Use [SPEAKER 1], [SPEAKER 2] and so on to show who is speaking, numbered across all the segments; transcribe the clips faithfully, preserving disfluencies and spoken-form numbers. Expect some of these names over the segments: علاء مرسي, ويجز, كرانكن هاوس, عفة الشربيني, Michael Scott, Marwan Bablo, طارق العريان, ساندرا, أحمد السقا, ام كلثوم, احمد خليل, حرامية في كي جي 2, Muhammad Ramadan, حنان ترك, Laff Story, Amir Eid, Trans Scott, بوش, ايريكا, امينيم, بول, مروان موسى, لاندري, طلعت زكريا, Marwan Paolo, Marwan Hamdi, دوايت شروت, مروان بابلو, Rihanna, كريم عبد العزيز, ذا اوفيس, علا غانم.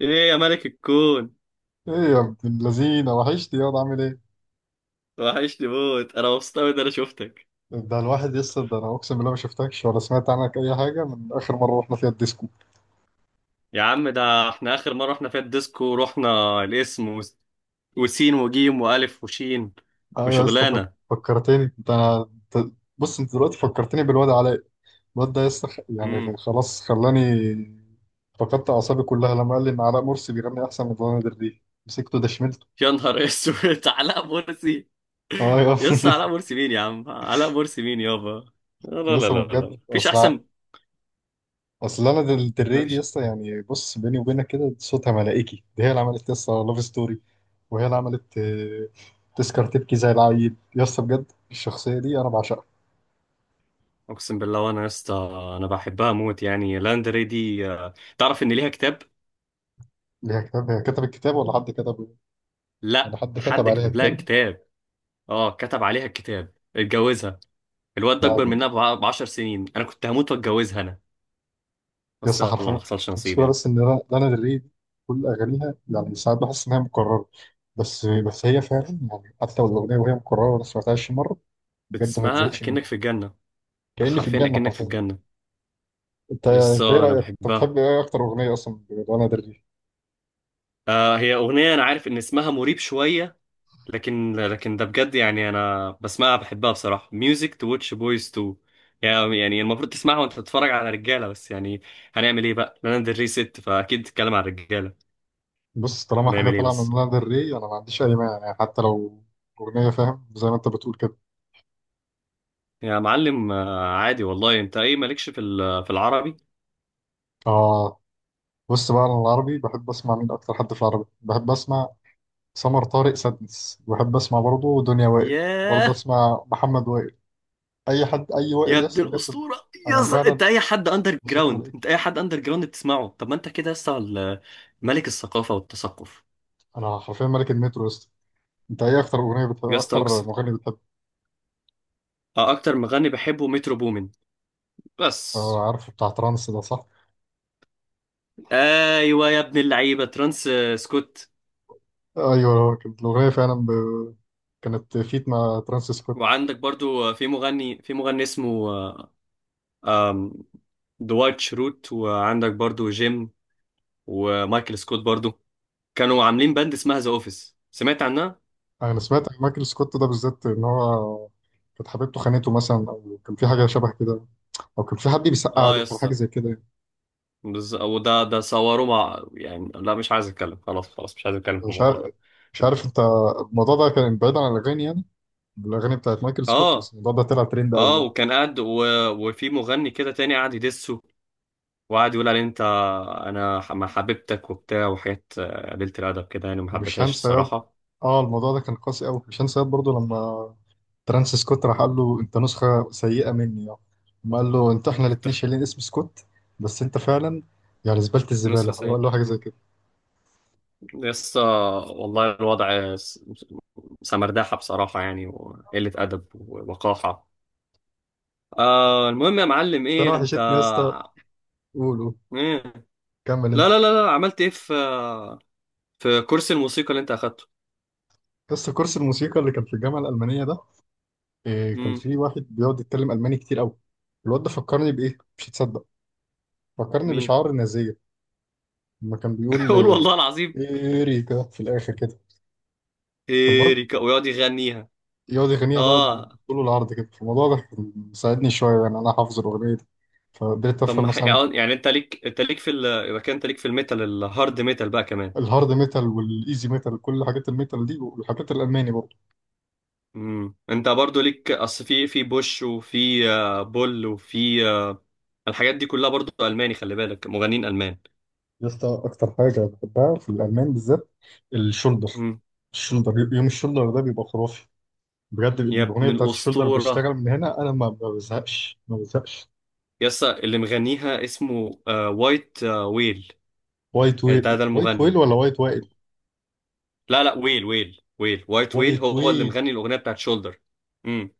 [SPEAKER 1] ايه يا ملك الكون.
[SPEAKER 2] ايه يا ابن اللذينه وحشتي يا واد، عامل ايه؟
[SPEAKER 1] وحشني موت، انا مبسوط قوي ان انا شفتك.
[SPEAKER 2] ده الواحد يسطا ده انا اقسم بالله ما شفتكش ولا سمعت عنك اي حاجه من اخر مره رحنا فيها الديسكو.
[SPEAKER 1] يا عم ده احنا اخر مره رحنا فيها الديسكو، رحنا الاسم و... وسين وجيم والف وشين
[SPEAKER 2] ايوه يا اسطى فك-
[SPEAKER 1] وشغلانه.
[SPEAKER 2] فكرتني انت انا. أنت- بص انت دلوقتي فكرتني بالواد علاء. الواد ده يا اسطى خ-
[SPEAKER 1] امم
[SPEAKER 2] يعني خلاص خلاني فقدت اعصابي كلها لما قال لي ان علاء مرسي بيغني احسن من لانا دري مسكته دشملته.
[SPEAKER 1] يا نهار اسود علاء مرسي.
[SPEAKER 2] اه يا
[SPEAKER 1] يس علاء مرسي مين يا عم، علاء مرسي مين يابا. لا
[SPEAKER 2] يا
[SPEAKER 1] لا لا
[SPEAKER 2] اسطى ما
[SPEAKER 1] لا
[SPEAKER 2] بجد
[SPEAKER 1] لا. مفيش
[SPEAKER 2] اصل
[SPEAKER 1] احسن.
[SPEAKER 2] اصل انا دل- دري دي
[SPEAKER 1] مفيش.
[SPEAKER 2] يسطا يعني بص بيني وبينك كده صوتها ملائكي، دي هي اللي عملت يسطا لاف ستوري، وهي اللي عملت آه، تذكر تبكي زي العيل يسطا، بجد الشخصية دي انا بعشقها.
[SPEAKER 1] اقسم بالله وانا يا اسطى، انا بحبها موت، يعني لاندري دي، آه، تعرف ان ليها كتاب؟
[SPEAKER 2] ليها كتاب؟ هي كتبت الكتاب ولا حد كتبه؟ ولا
[SPEAKER 1] لا،
[SPEAKER 2] حد كتب
[SPEAKER 1] حد
[SPEAKER 2] عليها
[SPEAKER 1] كتب لها
[SPEAKER 2] كتاب؟
[SPEAKER 1] كتاب. اه كتب عليها الكتاب، اتجوزها. الواد ده اكبر منها ب 10 سنين، انا كنت هموت واتجوزها انا، بس
[SPEAKER 2] يسطا
[SPEAKER 1] يلا ما
[SPEAKER 2] حرفيا
[SPEAKER 1] حصلش نصيب
[SPEAKER 2] المشكلة
[SPEAKER 1] يعني.
[SPEAKER 2] بس ان انا لانا دري دي كل اغانيها يعني ساعات بحس انها مكررة. بس بس هي فعلا يعني حتى لو الاغنية وهي مكررة ولا سمعتهاش مرة بجد ما
[SPEAKER 1] بتسمعها
[SPEAKER 2] تزهقش
[SPEAKER 1] اكنك
[SPEAKER 2] منها.
[SPEAKER 1] في الجنه،
[SPEAKER 2] كأني في
[SPEAKER 1] حرفيا
[SPEAKER 2] الجنة
[SPEAKER 1] اكنك في
[SPEAKER 2] حرفيا.
[SPEAKER 1] الجنه.
[SPEAKER 2] انت
[SPEAKER 1] يس
[SPEAKER 2] انت ايه
[SPEAKER 1] انا
[SPEAKER 2] رايك، انت
[SPEAKER 1] بحبها.
[SPEAKER 2] بتحب ايه اكتر اغنيه اصلا لانا دري؟
[SPEAKER 1] آه هي اغنيه انا عارف ان اسمها مريب شويه، لكن لكن ده بجد يعني، انا بسمعها بحبها بصراحه، ميوزك تو واتش بويز تو، يعني يعني المفروض تسمعها وانت بتتفرج على رجاله، بس يعني هنعمل ايه بقى، لانا دري ست فاكيد تتكلم عن رجاله.
[SPEAKER 2] بص طالما حاجه
[SPEAKER 1] هنعمل ايه
[SPEAKER 2] طالعه
[SPEAKER 1] بس.
[SPEAKER 2] من لانا دري انا ما عنديش اي مانع، يعني حتى لو اغنيه فاهم زي ما انت بتقول كده.
[SPEAKER 1] يا معلم آه، عادي والله، انت ايه مالكش في ال- في العربي؟
[SPEAKER 2] اه. بص بقى انا العربي بحب اسمع مين، اكتر حد في العربي بحب اسمع سمر طارق سادنس، بحب اسمع برضه دنيا وائل، برضه
[SPEAKER 1] ياه.
[SPEAKER 2] اسمع محمد وائل، اي حد اي
[SPEAKER 1] يا
[SPEAKER 2] وائل
[SPEAKER 1] ابن
[SPEAKER 2] يس بجد.
[SPEAKER 1] الاسطوره
[SPEAKER 2] انا
[SPEAKER 1] يس،
[SPEAKER 2] فعلا
[SPEAKER 1] انت اي حد اندر
[SPEAKER 2] بصيت
[SPEAKER 1] جراوند،
[SPEAKER 2] بلاقيك.
[SPEAKER 1] انت اي حد اندر جراوند بتسمعه طب ما انت كده لسه ال- ملك الثقافه والتثقف.
[SPEAKER 2] انا حرفيا ملك المترو يس. انت ايه اكتر اغنيه بتحب،
[SPEAKER 1] يا اسطى
[SPEAKER 2] اكتر
[SPEAKER 1] اقسم،
[SPEAKER 2] مغني بتحب؟
[SPEAKER 1] آه، اكتر مغني بحبه مترو بومن. بس.
[SPEAKER 2] اه عارف بتاع ترانس ده صح؟
[SPEAKER 1] ايوه يا ابن اللعيبه ترانس آه، سكوت.
[SPEAKER 2] ايوه هو كانت الاغنيه فعلا ب... كانت فيت مع ترانس سكوت.
[SPEAKER 1] وعندك برضو آه، في مغني في مغني اسمه آه، آم، دوايت شروت، وعندك برضو جيم ومايكل سكوت برضو، كانوا عاملين باند اسمها ذا اوفيس، سمعت عنها؟
[SPEAKER 2] انا سمعت عن مايكل سكوت ده بالذات ان هو كانت حبيبته خانته مثلا، او كان في حاجه شبه كده، او كان في حد بيسقع
[SPEAKER 1] اه يا
[SPEAKER 2] له كان حاجه
[SPEAKER 1] اسطى
[SPEAKER 2] زي كده يعني.
[SPEAKER 1] بز... وده ده صوروه مع يعني لا، مش عايز اتكلم، خلاص خلاص مش عايز اتكلم في
[SPEAKER 2] مش
[SPEAKER 1] الموضوع
[SPEAKER 2] عارف.
[SPEAKER 1] ده.
[SPEAKER 2] مش عارف، انت الموضوع ده كان بعيد عن الاغاني يعني، الاغاني بتاعت مايكل سكوت بس
[SPEAKER 1] اه،
[SPEAKER 2] الموضوع ده طلع ترند قوي
[SPEAKER 1] اه
[SPEAKER 2] يعني.
[SPEAKER 1] وكان قاعد و... وفي مغني كده تاني قاعد يدسه، وقعد يقول عليه انت، انا ح- ما حبيبتك وبتاع وحاجات آه، قليلة الادب كده، يعني ما
[SPEAKER 2] ومش
[SPEAKER 1] حبيتهاش
[SPEAKER 2] هنسى ياد،
[SPEAKER 1] الصراحه.
[SPEAKER 2] اه الموضوع ده كان قاسي قوي، مش هنسى ياد برضه لما ترانس سكوت راح قال له انت نسخه سيئه مني يعني، ما قال له انت احنا
[SPEAKER 1] انت
[SPEAKER 2] الاثنين شايلين اسم سكوت بس انت فعلا يعني زباله،
[SPEAKER 1] نسخه
[SPEAKER 2] الزباله هو
[SPEAKER 1] سيئه.
[SPEAKER 2] قال له حاجه زي
[SPEAKER 1] مم.
[SPEAKER 2] كده.
[SPEAKER 1] لسه، والله الوضع س- سمرداحه بصراحه يعني، وقله ادب ووقاحه. آه المهم يا معلم
[SPEAKER 2] انا
[SPEAKER 1] ايه انت،
[SPEAKER 2] وحشتني يا اسطى. قول قول.
[SPEAKER 1] ايه؟
[SPEAKER 2] كمل
[SPEAKER 1] لا
[SPEAKER 2] انت.
[SPEAKER 1] لا لا لا، عملت ايه في في كورس الموسيقى اللي انت اخدته؟
[SPEAKER 2] يا اسطى كورس الموسيقى اللي كان في الجامعه الالمانيه ده إيه، كان
[SPEAKER 1] امم
[SPEAKER 2] في واحد بيقعد يتكلم الماني كتير قوي. الواد ده فكرني بايه مش هتصدق، فكرني
[SPEAKER 1] مين؟
[SPEAKER 2] بشعار النازيه. لما كان بيقول
[SPEAKER 1] قول
[SPEAKER 2] آه،
[SPEAKER 1] والله العظيم.
[SPEAKER 2] ايريكا في الاخر كده. المهم
[SPEAKER 1] ايريكا، ويقعد يغنيها.
[SPEAKER 2] يقعد يغنيها بقى
[SPEAKER 1] اه.
[SPEAKER 2] بالطول والعرض كده، الموضوع ده كان مساعدني شويه يعني انا حافظ الاغنيه دي. فقدرت
[SPEAKER 1] طب
[SPEAKER 2] افهم
[SPEAKER 1] ما ح-
[SPEAKER 2] مثلا.
[SPEAKER 1] يعني انت ليك انت ليك في ال... يبقى كده انت ليك في الميتال، الهارد ميتال بقى كمان.
[SPEAKER 2] الهارد ميتال والايزي ميتال كل حاجات الميتال دي والحاجات الالماني برضه.
[SPEAKER 1] امم انت برضو ليك اصل في في بوش، وفي آه، بول، وفي آه، الحاجات دي كلها برضو الماني، خلي بالك مغنيين المان.
[SPEAKER 2] يا اسطى اكتر حاجه بحبها في الالمان بالذات، الشولدر.
[SPEAKER 1] امم.
[SPEAKER 2] الشولدر، يوم الشولدر ده بيبقى خرافي. بجد
[SPEAKER 1] يا
[SPEAKER 2] الاغنيه
[SPEAKER 1] ابن
[SPEAKER 2] بتاعت الشولدر
[SPEAKER 1] الاسطوره
[SPEAKER 2] بشتغل من هنا، انا ما ما بزهقش ما بزهقش.
[SPEAKER 1] يسا، اللي مغنيها اسمه آه، وايت آه، ويل.
[SPEAKER 2] وايت
[SPEAKER 1] ده
[SPEAKER 2] ويل،
[SPEAKER 1] ده
[SPEAKER 2] وايت ويل
[SPEAKER 1] المغني.
[SPEAKER 2] ولا وايت وائل؟
[SPEAKER 1] لا لا، ويل ويل ويل وايت ويل
[SPEAKER 2] وايت
[SPEAKER 1] هو اللي
[SPEAKER 2] ويل.
[SPEAKER 1] مغني الاغنيه بتاعت شولدر. امم.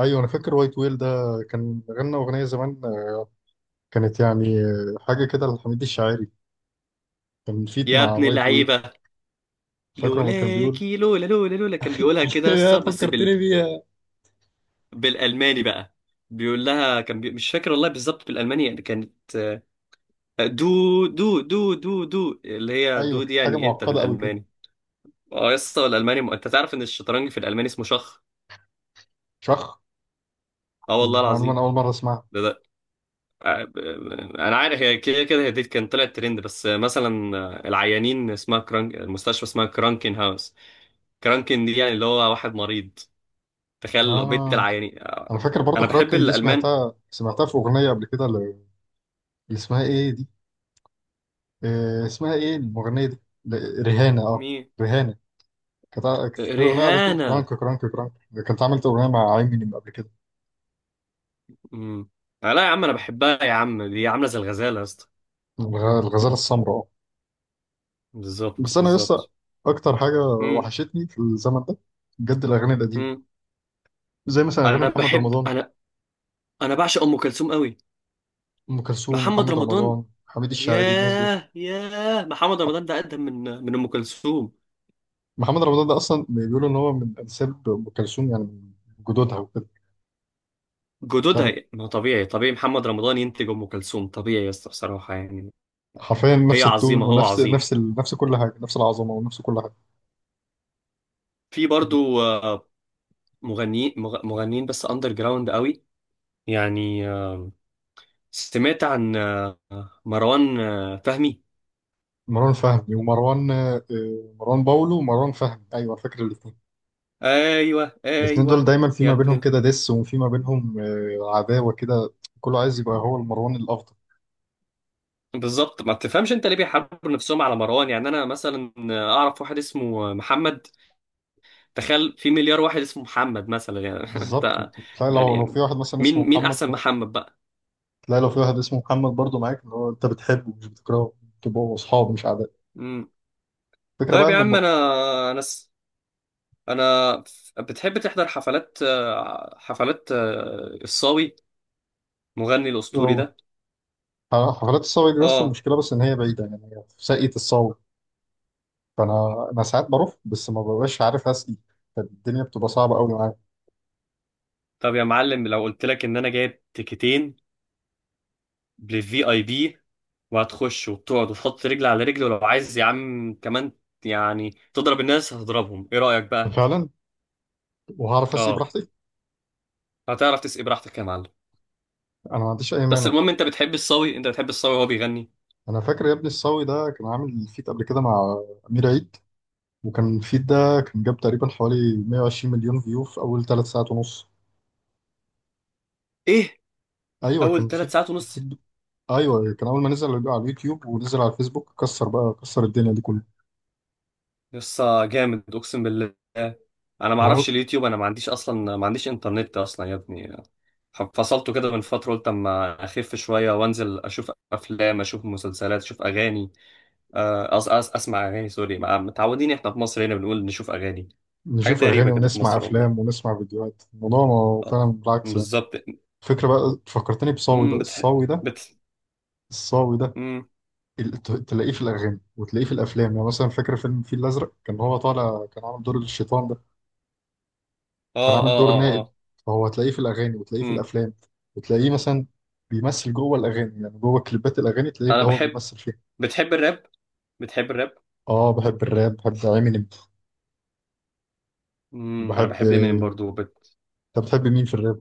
[SPEAKER 2] ايوه انا فاكر وايت ويل ده، كان غنى اغنيه زمان، كانت يعني حاجه كده لحميد الشاعري، كان فيت
[SPEAKER 1] يا
[SPEAKER 2] مع
[SPEAKER 1] ابن
[SPEAKER 2] وايت ويل.
[SPEAKER 1] اللعيبه.
[SPEAKER 2] فاكره لما كان بيقول
[SPEAKER 1] لولاكي، لولا لولا لولا كان بيقولها كده
[SPEAKER 2] يا
[SPEAKER 1] لسه، بس بال...
[SPEAKER 2] فكرتني بيها.
[SPEAKER 1] بالالماني بقى. بيقول لها كان بي... مش فاكر والله بالظبط بالالماني، يعني كانت، آه، دو دو دو دو دو اللي هي
[SPEAKER 2] ايوه
[SPEAKER 1] دو دي
[SPEAKER 2] كانت حاجه
[SPEAKER 1] يعني انت
[SPEAKER 2] معقده قوي كده.
[SPEAKER 1] بالالماني. اه يسطا الالماني م... انت تعرف ان الشطرنج في الالماني اسمه شخ؟
[SPEAKER 2] شخ.
[SPEAKER 1] اه والله
[SPEAKER 2] معلومة
[SPEAKER 1] العظيم.
[SPEAKER 2] أنا أول مرة أسمعها.
[SPEAKER 1] ده انا عارف، هي كده كده هي دي كان طلعت ترند، بس مثلا العيانين اسمها كرانك، المستشفى اسمها كرانكن هاوس، كرانكن دي يعني اللي هو واحد مريض، تخيل لو بيت
[SPEAKER 2] آه
[SPEAKER 1] العيانين.
[SPEAKER 2] أنا فاكر برضو
[SPEAKER 1] انا بحب
[SPEAKER 2] كراكن دي،
[SPEAKER 1] الالمان.
[SPEAKER 2] سمعتها سمعتها في أغنية قبل كده، اللي اللي اسمها إيه دي؟ آه اسمها إيه المغنية دي؟ ل- ريهانة، آه.
[SPEAKER 1] مين؟
[SPEAKER 2] ريهانة كانت كانت في أغنية قاعدة تقول كرانك
[SPEAKER 1] ريهانة.
[SPEAKER 2] كرانك كرانك. كانت عملت أغنية مع إيمينيم قبل كده.
[SPEAKER 1] امم. لا يا عم انا بحبها يا عم، دي عامله زي الغزاله يا اسطى.
[SPEAKER 2] الغ- الغزالة السمراء، آه.
[SPEAKER 1] بالظبط
[SPEAKER 2] بس أنا لسه
[SPEAKER 1] بالظبط.
[SPEAKER 2] أكتر حاجة
[SPEAKER 1] امم
[SPEAKER 2] وحشتني في الزمن ده بجد، الأغاني القديمة
[SPEAKER 1] امم
[SPEAKER 2] زي مثلا أغاني
[SPEAKER 1] انا
[SPEAKER 2] محمد
[SPEAKER 1] بحب،
[SPEAKER 2] رمضان.
[SPEAKER 1] انا انا بعشق ام كلثوم قوي.
[SPEAKER 2] أم كلثوم،
[SPEAKER 1] محمد
[SPEAKER 2] محمد
[SPEAKER 1] رمضان؟
[SPEAKER 2] رمضان، حميد الشاعري، الناس دول.
[SPEAKER 1] ياه، ياه محمد رمضان ده اقدم من من ام كلثوم.
[SPEAKER 2] محمد رمضان ده اصلا بيقولوا ان هو من انساب ام كلثوم يعني، من جدودها وكده. مش
[SPEAKER 1] جدودها،
[SPEAKER 2] عارف.
[SPEAKER 1] هي... ما هو طبيعي، طبيعي محمد رمضان ينتج ام كلثوم، طبيعي يا اسطى بصراحه يعني.
[SPEAKER 2] حرفيا
[SPEAKER 1] هي
[SPEAKER 2] نفس التون،
[SPEAKER 1] عظيمه، هو
[SPEAKER 2] ونفس
[SPEAKER 1] عظيم.
[SPEAKER 2] نفس ال... نفس كل حاجه، نفس العظمه ونفس كل حاجه.
[SPEAKER 1] في برضو آه، مغنيين مغ... مغنيين بس اندر جراوند قوي، يعني آه، سمعت عن آه، مروان آه، فهمي.
[SPEAKER 2] مروان فهمي ومروان آه، مروان باولو ومروان فهمي، ايوه أنا فاكر الاثنين.
[SPEAKER 1] ايوه
[SPEAKER 2] الاثنين دول
[SPEAKER 1] ايوه.
[SPEAKER 2] دايما في
[SPEAKER 1] يا
[SPEAKER 2] ما
[SPEAKER 1] ابن
[SPEAKER 2] بينهم
[SPEAKER 1] ال-
[SPEAKER 2] كده دس، وفي ما بينهم آه، عداوه كده، كله عايز يبقى هو المروان الافضل.
[SPEAKER 1] بالظبط، ما تفهمش انت ليه بيحاربوا نفسهم على مروان، يعني انا مثلا اعرف واحد اسمه محمد، تخيل في مليار واحد اسمه محمد مثلا يعني،
[SPEAKER 2] بالظبط.
[SPEAKER 1] انت،
[SPEAKER 2] تلاقي
[SPEAKER 1] يعني
[SPEAKER 2] لو لو
[SPEAKER 1] يعني
[SPEAKER 2] في واحد مثلا
[SPEAKER 1] مين
[SPEAKER 2] اسمه
[SPEAKER 1] مين
[SPEAKER 2] محمد
[SPEAKER 1] احسن
[SPEAKER 2] برضه.
[SPEAKER 1] محمد بقى.
[SPEAKER 2] تلاقي لو في واحد اسمه محمد برضه معاك اللي هو انت بتحبه مش بتكرهه، تبقوا اصحاب مش اعداء. الفكره بقى
[SPEAKER 1] طيب يا
[SPEAKER 2] ان
[SPEAKER 1] عم، انا انا س- انا ف- بتحب تحضر حفلات آه، حفلات آه، الصاوي، مغني الاسطوري
[SPEAKER 2] هم-
[SPEAKER 1] ده؟
[SPEAKER 2] آه، حفلات الصاوي دي، بس
[SPEAKER 1] اه.
[SPEAKER 2] المشكلة بس إن هي بعيدة، يعني هي في ساقية الصاوي. فأنا أنا ساعات بروح بس ما ببقاش عارف أسقي، فالدنيا بتبقى صعبة أوي معايا.
[SPEAKER 1] طب يا معلم لو قلت لك ان انا جايب تيكتين للفي اي بي، وهتخش وتقعد وتحط رجل على رجل، ولو عايز يا عم كمان يعني تضرب الناس هتضربهم، ايه رايك بقى؟
[SPEAKER 2] فعلا وهعرف أسقي
[SPEAKER 1] اه،
[SPEAKER 2] براحتي.
[SPEAKER 1] هتعرف تسقي براحتك يا معلم.
[SPEAKER 2] أنا ما عنديش أي
[SPEAKER 1] بس
[SPEAKER 2] مانع.
[SPEAKER 1] المهم انت بتحب الصاوي، انت بتحب الصاوي وهو بيغني.
[SPEAKER 2] أنا فاكر يا ابني الصاوي ده كان عامل فيت قبل كده مع أمير عيد. وكان الفيت ده كان جاب تقريبا حوالي 120 مليون فيو في أول ثلاث ساعات ونص.
[SPEAKER 1] ايه؟
[SPEAKER 2] أيوه
[SPEAKER 1] اول
[SPEAKER 2] كان
[SPEAKER 1] ثلاث
[SPEAKER 2] فيت.
[SPEAKER 1] ساعات
[SPEAKER 2] فيت
[SPEAKER 1] ونص؟
[SPEAKER 2] أيوه كان أول ما نزل على اليوتيوب ونزل على الفيسبوك كسر بقى، كسر الدنيا دي
[SPEAKER 1] يسا جامد، اقسم بالله انا ما
[SPEAKER 2] كلها.
[SPEAKER 1] اعرفش اليوتيوب، انا ما عنديش اصلا، ما عنديش انترنت اصلا يا ابني، فصلته كده من فتره، قلت اما اخف شويه وانزل اشوف افلام، اشوف مسلسلات، اشوف اغاني، آه، أس أس اسمع اغاني، سوري مع- متعودين احنا في مصر هنا بنقول نشوف اغاني، حاجات
[SPEAKER 2] نشوف
[SPEAKER 1] غريبه
[SPEAKER 2] أغاني
[SPEAKER 1] كده في
[SPEAKER 2] ونسمع
[SPEAKER 1] مصر
[SPEAKER 2] أفلام
[SPEAKER 1] والله.
[SPEAKER 2] ونسمع فيديوهات، الموضوع ما-
[SPEAKER 1] اه،
[SPEAKER 2] فعلا بالعكس يعني.
[SPEAKER 1] بالظبط.
[SPEAKER 2] الفكرة بقى فكرتني بصاوي ده.
[SPEAKER 1] امم بتح...
[SPEAKER 2] الصاوي ده
[SPEAKER 1] بت
[SPEAKER 2] الصاوي ده
[SPEAKER 1] امم
[SPEAKER 2] ال- ت- تلاقيه في الأغاني وتلاقيه في الأفلام، يعني مثلا فاكر فيلم الفيل الأزرق كان هو طالع كان عامل دور الشيطان ده، كان
[SPEAKER 1] اه
[SPEAKER 2] عامل
[SPEAKER 1] اه
[SPEAKER 2] دور
[SPEAKER 1] اه
[SPEAKER 2] نائب.
[SPEAKER 1] اه.
[SPEAKER 2] فهو هتلاقيه في الأغاني وتلاقيه في
[SPEAKER 1] امم.
[SPEAKER 2] الأفلام، وتلاقيه مثلا بيمثل جوه الأغاني، يعني جوه كليبات الأغاني
[SPEAKER 1] انا
[SPEAKER 2] تلاقيه هو
[SPEAKER 1] بحب،
[SPEAKER 2] بيمثل فيها.
[SPEAKER 1] بتحب الراب؟ بتحب الراب؟
[SPEAKER 2] آه بحب الراب، بحب إمينيم.
[SPEAKER 1] امم، انا
[SPEAKER 2] بحب.
[SPEAKER 1] بحب امينيم برضو.
[SPEAKER 2] طب بتحب مين في الراب؟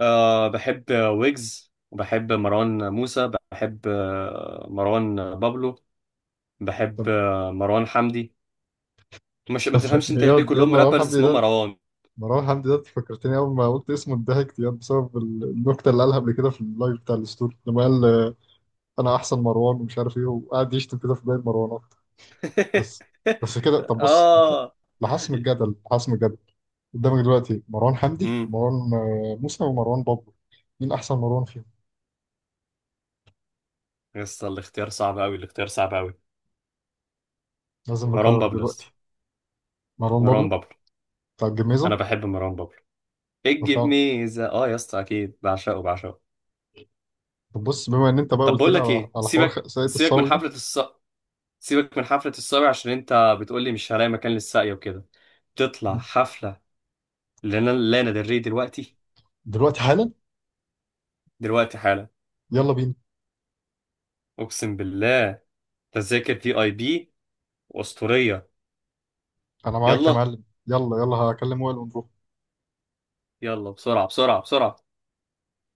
[SPEAKER 1] أه بحب ويجز، وبحب مروان موسى، بحب آه، مروان بابلو، بحب
[SPEAKER 2] طب
[SPEAKER 1] آه، مروان حمدي. مش ما
[SPEAKER 2] طب
[SPEAKER 1] تفهمش انت ليه
[SPEAKER 2] إياد إياد،
[SPEAKER 1] كلهم
[SPEAKER 2] مروان
[SPEAKER 1] رابرز
[SPEAKER 2] حمدي
[SPEAKER 1] اسمهم
[SPEAKER 2] ده.
[SPEAKER 1] مروان.
[SPEAKER 2] مروان حمدي ده فكرتني أول ما قلت اسمه، اتضحكت يعني بسبب ال- النكتة اللي قالها قبل كده في اللايف بتاع الستوري لما قال آه، أنا أحسن مروان ومش عارف إيه، وقعد يشتم كده في باقي المروانات. بس. بس كده. طب بص لح-
[SPEAKER 1] اه.
[SPEAKER 2] لحسم الجدل، لحسم الجدل قدامك دلوقتي مروان حمدي،
[SPEAKER 1] امم.
[SPEAKER 2] مروان آه، موسى، ومروان بابلو. مين أحسن مروان فيهم؟
[SPEAKER 1] يس، الاختيار صعب قوي، الاختيار صعب قوي.
[SPEAKER 2] لازم
[SPEAKER 1] مروان
[SPEAKER 2] نقرر
[SPEAKER 1] بابلو يا اسطى.
[SPEAKER 2] دلوقتي. مروان
[SPEAKER 1] مروان
[SPEAKER 2] بابلو
[SPEAKER 1] بابلو.
[SPEAKER 2] بتاع
[SPEAKER 1] انا
[SPEAKER 2] الجميزة.
[SPEAKER 1] بحب مروان بابلو، اجي
[SPEAKER 2] رفاعة.
[SPEAKER 1] بميزه اه يا اسطى، اكيد بعشقه بعشقه.
[SPEAKER 2] طب بص بما إن أنت بقى
[SPEAKER 1] طب
[SPEAKER 2] قلت
[SPEAKER 1] بقول
[SPEAKER 2] لي
[SPEAKER 1] لك
[SPEAKER 2] على
[SPEAKER 1] ايه،
[SPEAKER 2] على حوار
[SPEAKER 1] سيبك
[SPEAKER 2] ساقية
[SPEAKER 1] سيبك من
[SPEAKER 2] الصاوي ده.
[SPEAKER 1] حفله الص... سيبك من حفلة الصبي، عشان انت بتقولي مش هلاقي مكان للساقية وكده، تطلع حفلة لنا لانا دري دلوقتي.
[SPEAKER 2] دلوقتي حالا.
[SPEAKER 1] دلوقتي حالا.
[SPEAKER 2] يلا بينا.
[SPEAKER 1] اقسم بالله، تذاكر في اي بي واسطورية.
[SPEAKER 2] أنا معاك يا
[SPEAKER 1] يلا،
[SPEAKER 2] معلم، يلا يلا هكلم وائل ونروح.
[SPEAKER 1] يلا بسرعة بسرعة بسرعة.